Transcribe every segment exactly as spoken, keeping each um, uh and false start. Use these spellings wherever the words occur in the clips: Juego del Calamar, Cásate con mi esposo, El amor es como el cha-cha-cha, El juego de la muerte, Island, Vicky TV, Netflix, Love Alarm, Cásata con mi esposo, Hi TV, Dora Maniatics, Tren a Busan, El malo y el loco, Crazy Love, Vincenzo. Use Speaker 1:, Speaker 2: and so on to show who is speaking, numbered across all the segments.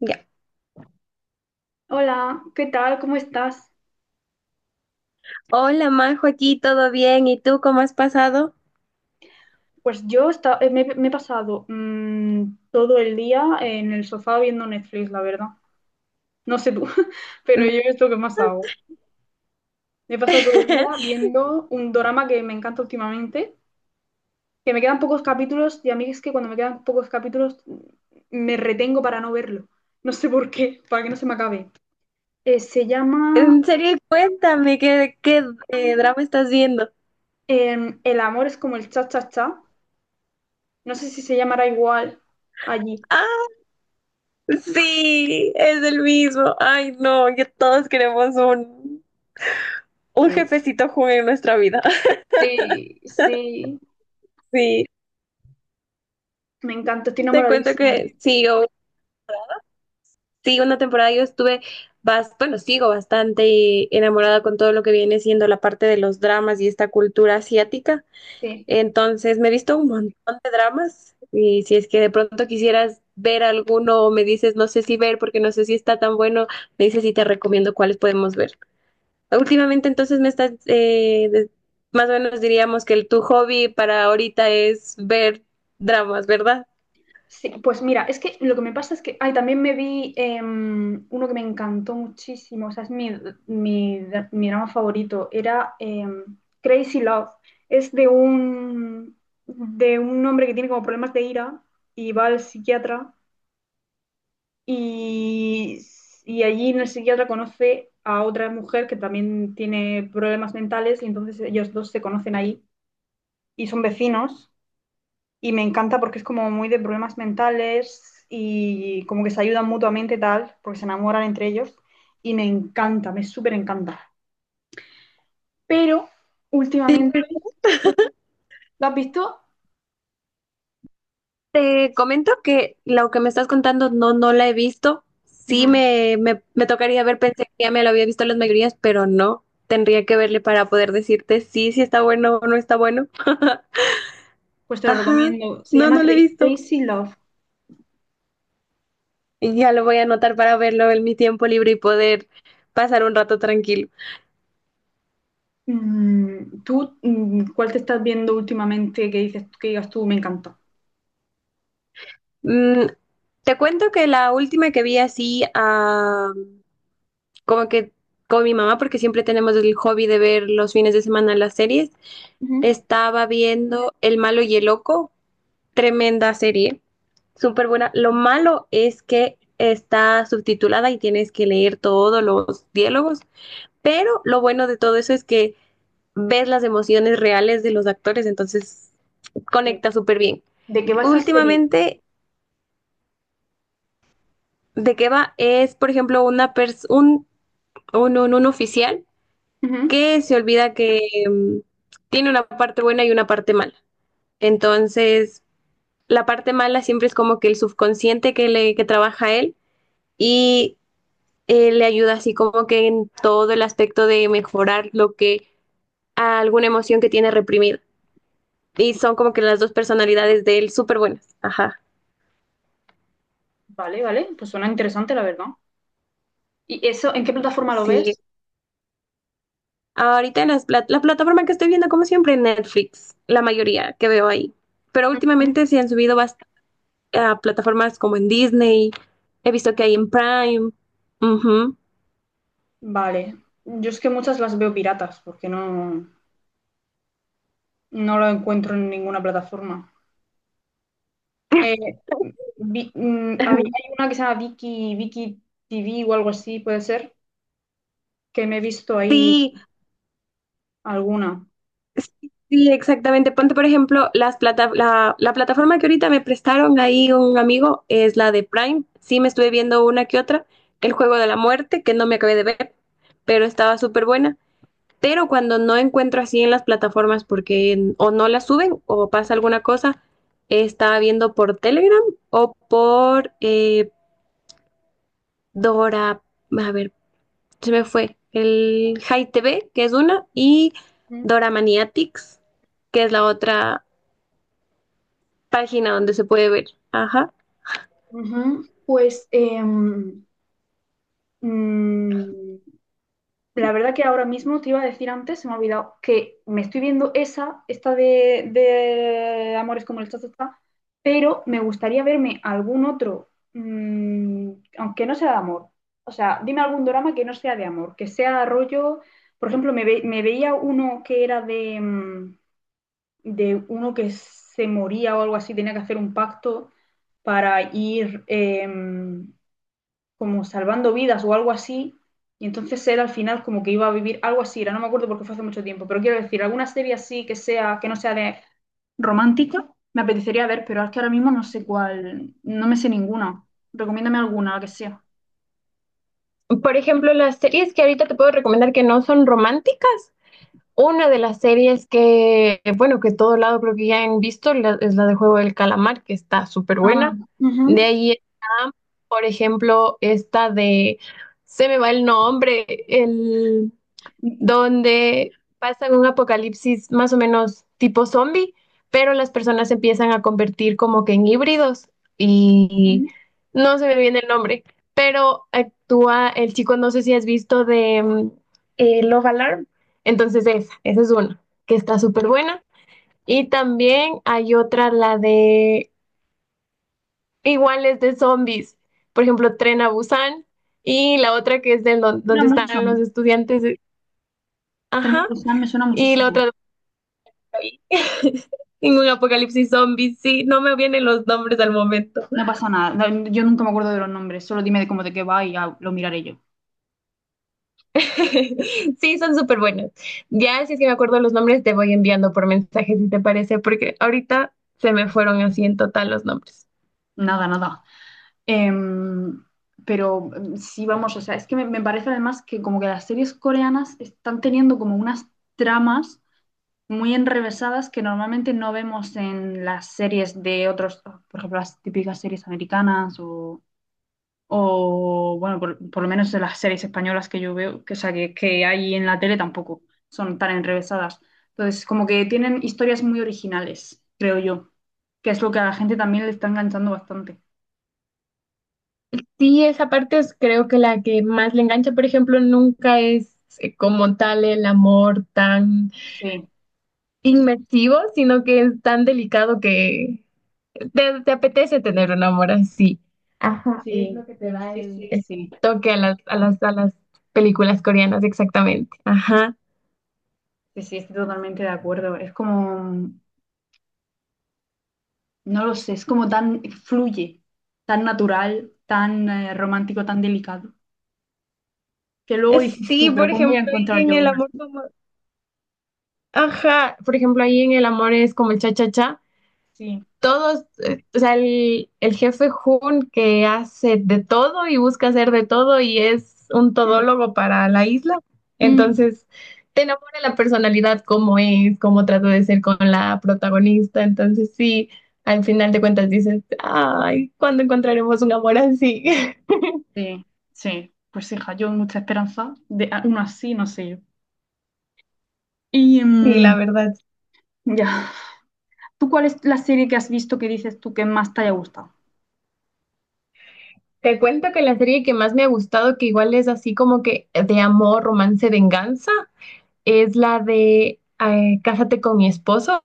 Speaker 1: Ya.
Speaker 2: Hola, ¿qué tal? ¿Cómo estás?
Speaker 1: Hola Majo, aquí todo bien. ¿Y tú cómo has pasado?
Speaker 2: Pues yo esta- eh, me, me he pasado mm, todo el día en el sofá viendo Netflix, la verdad. No sé tú, pero yo es lo que más hago. Me he pasado todo el día viendo un drama que me encanta últimamente, que me quedan pocos capítulos, y a mí es que cuando me quedan pocos capítulos mm, me retengo para no verlo. No sé por qué, para que no se me acabe. Eh, se llama
Speaker 1: En serio, cuéntame qué, qué eh, drama estás viendo.
Speaker 2: em, El amor es como el cha-cha-cha. No sé si se llamará igual allí.
Speaker 1: Ah, sí, es el mismo. Ay, no, que todos queremos un, un jefecito Jun en nuestra vida.
Speaker 2: Sí, sí,
Speaker 1: Sí,
Speaker 2: me encanta, estoy
Speaker 1: te cuento
Speaker 2: enamoradísima.
Speaker 1: que sí, yo, sí, una temporada yo estuve, bas- bueno, sigo bastante enamorada con todo lo que viene siendo la parte de los dramas y esta cultura asiática.
Speaker 2: Sí,
Speaker 1: Entonces me he visto un montón de dramas y, si es que de pronto quisieras ver alguno, o me dices no sé si ver porque no sé si está tan bueno, me dices y te recomiendo cuáles podemos ver. Últimamente entonces me estás, eh, de- más o menos diríamos que el, tu hobby para ahorita es ver dramas, ¿verdad?
Speaker 2: sí, pues mira, es que lo que me pasa es que, ay, también me vi em, uno que me encantó muchísimo, o sea, es mi, mi, mi drama favorito, era em, Crazy Love, es de un, de un hombre que tiene como problemas de ira y va al psiquiatra y, y allí en el psiquiatra conoce a otra mujer que también tiene problemas mentales, y entonces ellos dos se conocen ahí y son vecinos. Y me encanta porque es como muy de problemas mentales y como que se ayudan mutuamente tal, porque se enamoran entre ellos, y me encanta, me súper encanta. Pero últimamente, ¿lo has visto?
Speaker 1: Te comento que lo que me estás contando no, no la he visto. Sí
Speaker 2: Ujú.
Speaker 1: me, me, me tocaría ver, pensé que ya me lo había visto las mayorías, pero no. Tendría que verle para poder decirte sí, si está bueno o no está bueno.
Speaker 2: Pues te lo
Speaker 1: Ajá,
Speaker 2: recomiendo. Se
Speaker 1: no,
Speaker 2: llama
Speaker 1: no lo he
Speaker 2: Cra-
Speaker 1: visto.
Speaker 2: Crazy Love.
Speaker 1: Y ya lo voy a anotar para verlo en mi tiempo libre y poder pasar un rato tranquilo.
Speaker 2: Mm, ¿tú mm, cuál te estás viendo últimamente que dices que digas tú me encanta?
Speaker 1: Mm, Te cuento que la última que vi así, ah, como que con mi mamá, porque siempre tenemos el hobby de ver los fines de semana las series,
Speaker 2: Ujú.
Speaker 1: estaba viendo El malo y el loco, tremenda serie, súper buena. Lo malo es que está subtitulada y tienes que leer todos los diálogos. Pero lo bueno de todo eso es que ves las emociones reales de los actores, entonces
Speaker 2: Sí.
Speaker 1: conecta súper bien.
Speaker 2: ¿De qué va esa serie?
Speaker 1: Últimamente, ¿de qué va? Es, por ejemplo, una pers- un, un, un- un oficial
Speaker 2: Ujú.
Speaker 1: que se olvida que mm, tiene una parte buena y una parte mala. Entonces, la parte mala siempre es como que el subconsciente que, le, que trabaja a él y, eh, le ayuda así como que en todo el aspecto de mejorar lo que alguna emoción que tiene reprimida. Y son como que las dos personalidades de él, súper buenas. Ajá.
Speaker 2: Vale, vale, pues suena interesante la verdad. ¿Y eso en qué plataforma lo
Speaker 1: Sí.
Speaker 2: ves?
Speaker 1: Ahorita en las pla- la plataforma que estoy viendo, como siempre, Netflix, la mayoría que veo ahí. Pero
Speaker 2: Ujú.
Speaker 1: últimamente sí han subido bast- a plataformas como en Disney. He visto que hay en Prime. Ujú.
Speaker 2: Vale. Yo es que muchas las veo piratas porque no, no lo encuentro en ninguna plataforma. Eh, vi- mm, había- hay una que se llama Vicky, Vicky T V o algo así, puede ser, que me he visto ahí
Speaker 1: Sí,
Speaker 2: alguna.
Speaker 1: sí, sí, exactamente. Ponte, por ejemplo, las plata- la, la plataforma que ahorita me prestaron ahí un amigo es la de Prime. Sí, me estuve viendo una que otra. El juego de la muerte, que no me acabé de ver, pero estaba súper buena. Pero cuando no encuentro así en las plataformas porque o no las suben o pasa alguna cosa, estaba viendo por Telegram o por eh, Dora, a ver, se me fue, el Hi T V, que es una, y
Speaker 2: Mm,
Speaker 1: Dora Maniatics, que es la otra página donde se puede ver. Ajá.
Speaker 2: ujú. Pues em, mm, la verdad que ahora mismo te iba a decir antes, se me ha olvidado, que me estoy viendo esa, esta de, de Amores como el cha, pero me gustaría verme algún otro, mm, aunque no sea de amor. O sea, dime algún drama que no sea de amor, que sea rollo. Por ejemplo, me, ve- me veía uno que era de, mm, de uno que se moría o algo así, tenía que hacer un pacto para ir, eh, como salvando vidas o algo así. Y entonces él al final como que iba a vivir algo así, era, no me acuerdo porque fue hace mucho tiempo, pero quiero decir, alguna serie así que sea, que no sea de romántica, me apetecería ver, pero es que ahora mismo no sé cuál, no me sé ninguna. Recomiéndame alguna, la que sea.
Speaker 1: Por ejemplo, las series que ahorita te puedo recomendar que no son románticas: una de las series que, bueno, que todo lado creo que ya han visto, la- es la de Juego del Calamar, que está súper
Speaker 2: Ah,
Speaker 1: buena. De
Speaker 2: ujú.
Speaker 1: ahí está, por ejemplo, esta de, se me va el nombre, el, donde pasan un apocalipsis más o menos tipo zombie, pero las personas se empiezan a convertir como que en híbridos y
Speaker 2: Me
Speaker 1: no se me viene el nombre, pero actúa el chico, no sé si has visto de mm, eh, Love Alarm, entonces esa, esa es una que está súper buena. Y también hay otra, la de iguales de zombies, por ejemplo, Tren a Busan, y la otra que es del don-
Speaker 2: suena
Speaker 1: donde
Speaker 2: mucho.
Speaker 1: están los estudiantes,
Speaker 2: Tren a
Speaker 1: ajá,
Speaker 2: Busan me suena
Speaker 1: y la
Speaker 2: muchísimo.
Speaker 1: otra. Ningún apocalipsis zombie, sí, no me vienen los nombres al momento.
Speaker 2: No pasa nada. No, yo nunca me acuerdo de los nombres. Solo dime de cómo de qué va y ya lo miraré yo.
Speaker 1: Sí, son súper buenos. Ya, si es que me acuerdo los nombres, te voy enviando por mensaje, si te parece, porque ahorita se me fueron así en total los nombres.
Speaker 2: Nada, nada. Em, pero em, sí, vamos, o sea, es que me, me parece además que como que las series coreanas están teniendo como unas tramas muy enrevesadas que normalmente no vemos en las series de otros, por ejemplo, las típicas series americanas o, o, bueno, por, por lo menos en las series españolas que yo veo, que, o sea, que, que hay en la tele tampoco son tan enrevesadas. Entonces, como que tienen historias muy originales, creo yo, que es lo que a la gente también le está enganchando bastante.
Speaker 1: Sí, esa parte es creo que la que más le engancha, por ejemplo, nunca es eh, como tal el amor tan
Speaker 2: Sí.
Speaker 1: inmersivo, sino que es tan delicado que Te, te apetece tener un amor así. Ajá, es
Speaker 2: Sí,
Speaker 1: lo que te da
Speaker 2: sí,
Speaker 1: el,
Speaker 2: sí,
Speaker 1: el
Speaker 2: sí,
Speaker 1: toque a las, a las, a las películas coreanas, exactamente. Ajá.
Speaker 2: sí, sí, estoy totalmente de acuerdo. Es como, no lo sé, es como tan, fluye, tan natural, tan eh, romántico, tan delicado, que luego
Speaker 1: Es-
Speaker 2: dices
Speaker 1: Sí,
Speaker 2: tú, pero
Speaker 1: por
Speaker 2: ¿cómo voy
Speaker 1: ejemplo,
Speaker 2: a
Speaker 1: ahí
Speaker 2: encontrar
Speaker 1: en
Speaker 2: yo
Speaker 1: el
Speaker 2: una
Speaker 1: amor
Speaker 2: así?
Speaker 1: como... Ajá, por ejemplo, ahí en el amor es como el cha-cha-cha.
Speaker 2: Sí,
Speaker 1: Todos, eh, o sea, el, el jefe Hun, que hace de todo y busca hacer de todo y es un
Speaker 2: Mm,
Speaker 1: todólogo para la isla.
Speaker 2: mm.
Speaker 1: Entonces, te enamora la personalidad, cómo es, cómo trata de ser con la protagonista. Entonces, sí, al final de cuentas dices, ay, ¿cuándo encontraremos un amor así?
Speaker 2: sí, sí, pues hija, yo mucha esperanza de a- una así, no sé yo. Y
Speaker 1: Sí,
Speaker 2: mm,
Speaker 1: la verdad.
Speaker 2: ya, ¿tú cuál es la serie que has visto que dices tú que más te haya gustado?
Speaker 1: Te cuento que la serie que más me ha gustado, que igual es así como que de amor, romance, venganza, es la de eh, Cásate con mi esposo.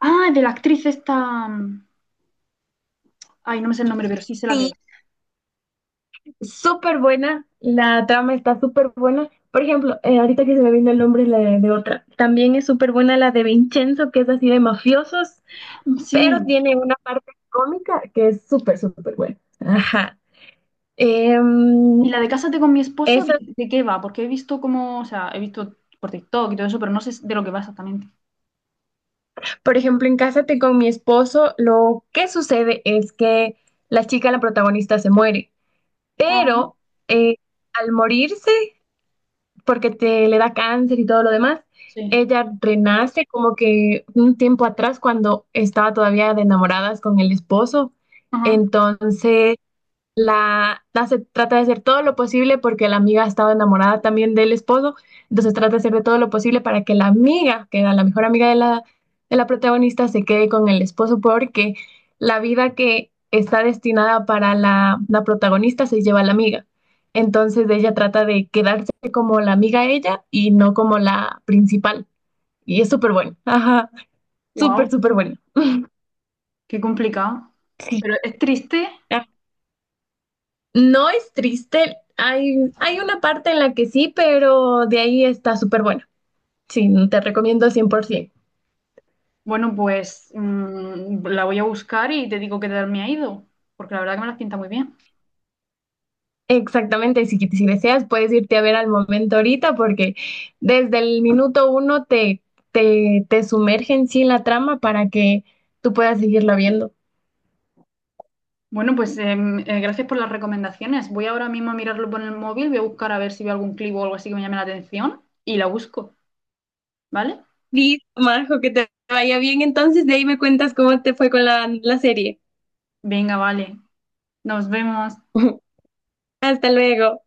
Speaker 2: Ah, de la actriz esta, mm, ay, no me sé el nombre, pero sí sé la que es.
Speaker 1: Súper buena, la trama está súper buena. Por ejemplo, eh, ahorita que se me vino el nombre, la de, de otra, también es súper buena, la de Vincenzo, que es así de mafiosos,
Speaker 2: Mm,
Speaker 1: pero
Speaker 2: sí.
Speaker 1: tiene una parte cómica que es súper, súper buena. Ajá.
Speaker 2: Y
Speaker 1: Em,
Speaker 2: la de Cásate con mi esposo,
Speaker 1: esa,
Speaker 2: ¿de qué va? Porque he visto como, o sea, he visto por TikTok y todo eso, pero no sé de lo que va exactamente.
Speaker 1: por ejemplo, en Cásate con mi esposo, lo que sucede es que la chica, la protagonista, se muere,
Speaker 2: Ajá,
Speaker 1: pero eh, al morirse porque te le da cáncer y todo lo demás.
Speaker 2: sí.
Speaker 1: Ella renace como que un tiempo atrás cuando estaba todavía de enamoradas con el esposo.
Speaker 2: Ajá.
Speaker 1: Entonces, la, la se trata de hacer todo lo posible porque la amiga estaba enamorada también del esposo, entonces trata de hacer de todo lo posible para que la amiga, que era la mejor amiga de la, de la protagonista, se quede con el esposo, porque la vida que está destinada para la, la protagonista se lleva a la amiga. Entonces ella trata de quedarse como la amiga ella y no como la principal. Y es súper bueno. Ajá, súper,
Speaker 2: Wow,
Speaker 1: súper bueno.
Speaker 2: qué complicado.
Speaker 1: Sí.
Speaker 2: Pero es triste.
Speaker 1: No es triste. Hay, hay una parte en la que sí, pero de ahí está súper bueno. Sí, te recomiendo cien por ciento.
Speaker 2: Bueno, pues mm, la voy a buscar y te digo qué tal me ha ido, porque la verdad que me las pinta muy bien.
Speaker 1: Exactamente, si, si deseas puedes irte a ver al momento ahorita porque desde el minuto uno te, te, te sumergen sí en la trama para que tú puedas seguirla viendo.
Speaker 2: Bueno, pues em, eh, gracias por las recomendaciones. Voy ahora mismo a mirarlo por el móvil, voy a buscar a ver si veo algún clip o algo así que me llame la atención y la busco, ¿vale?
Speaker 1: Listo, Majo, que te vaya bien. Entonces, de ahí me cuentas cómo te fue con la, la serie.
Speaker 2: Venga, vale. Nos vemos.
Speaker 1: Hasta luego.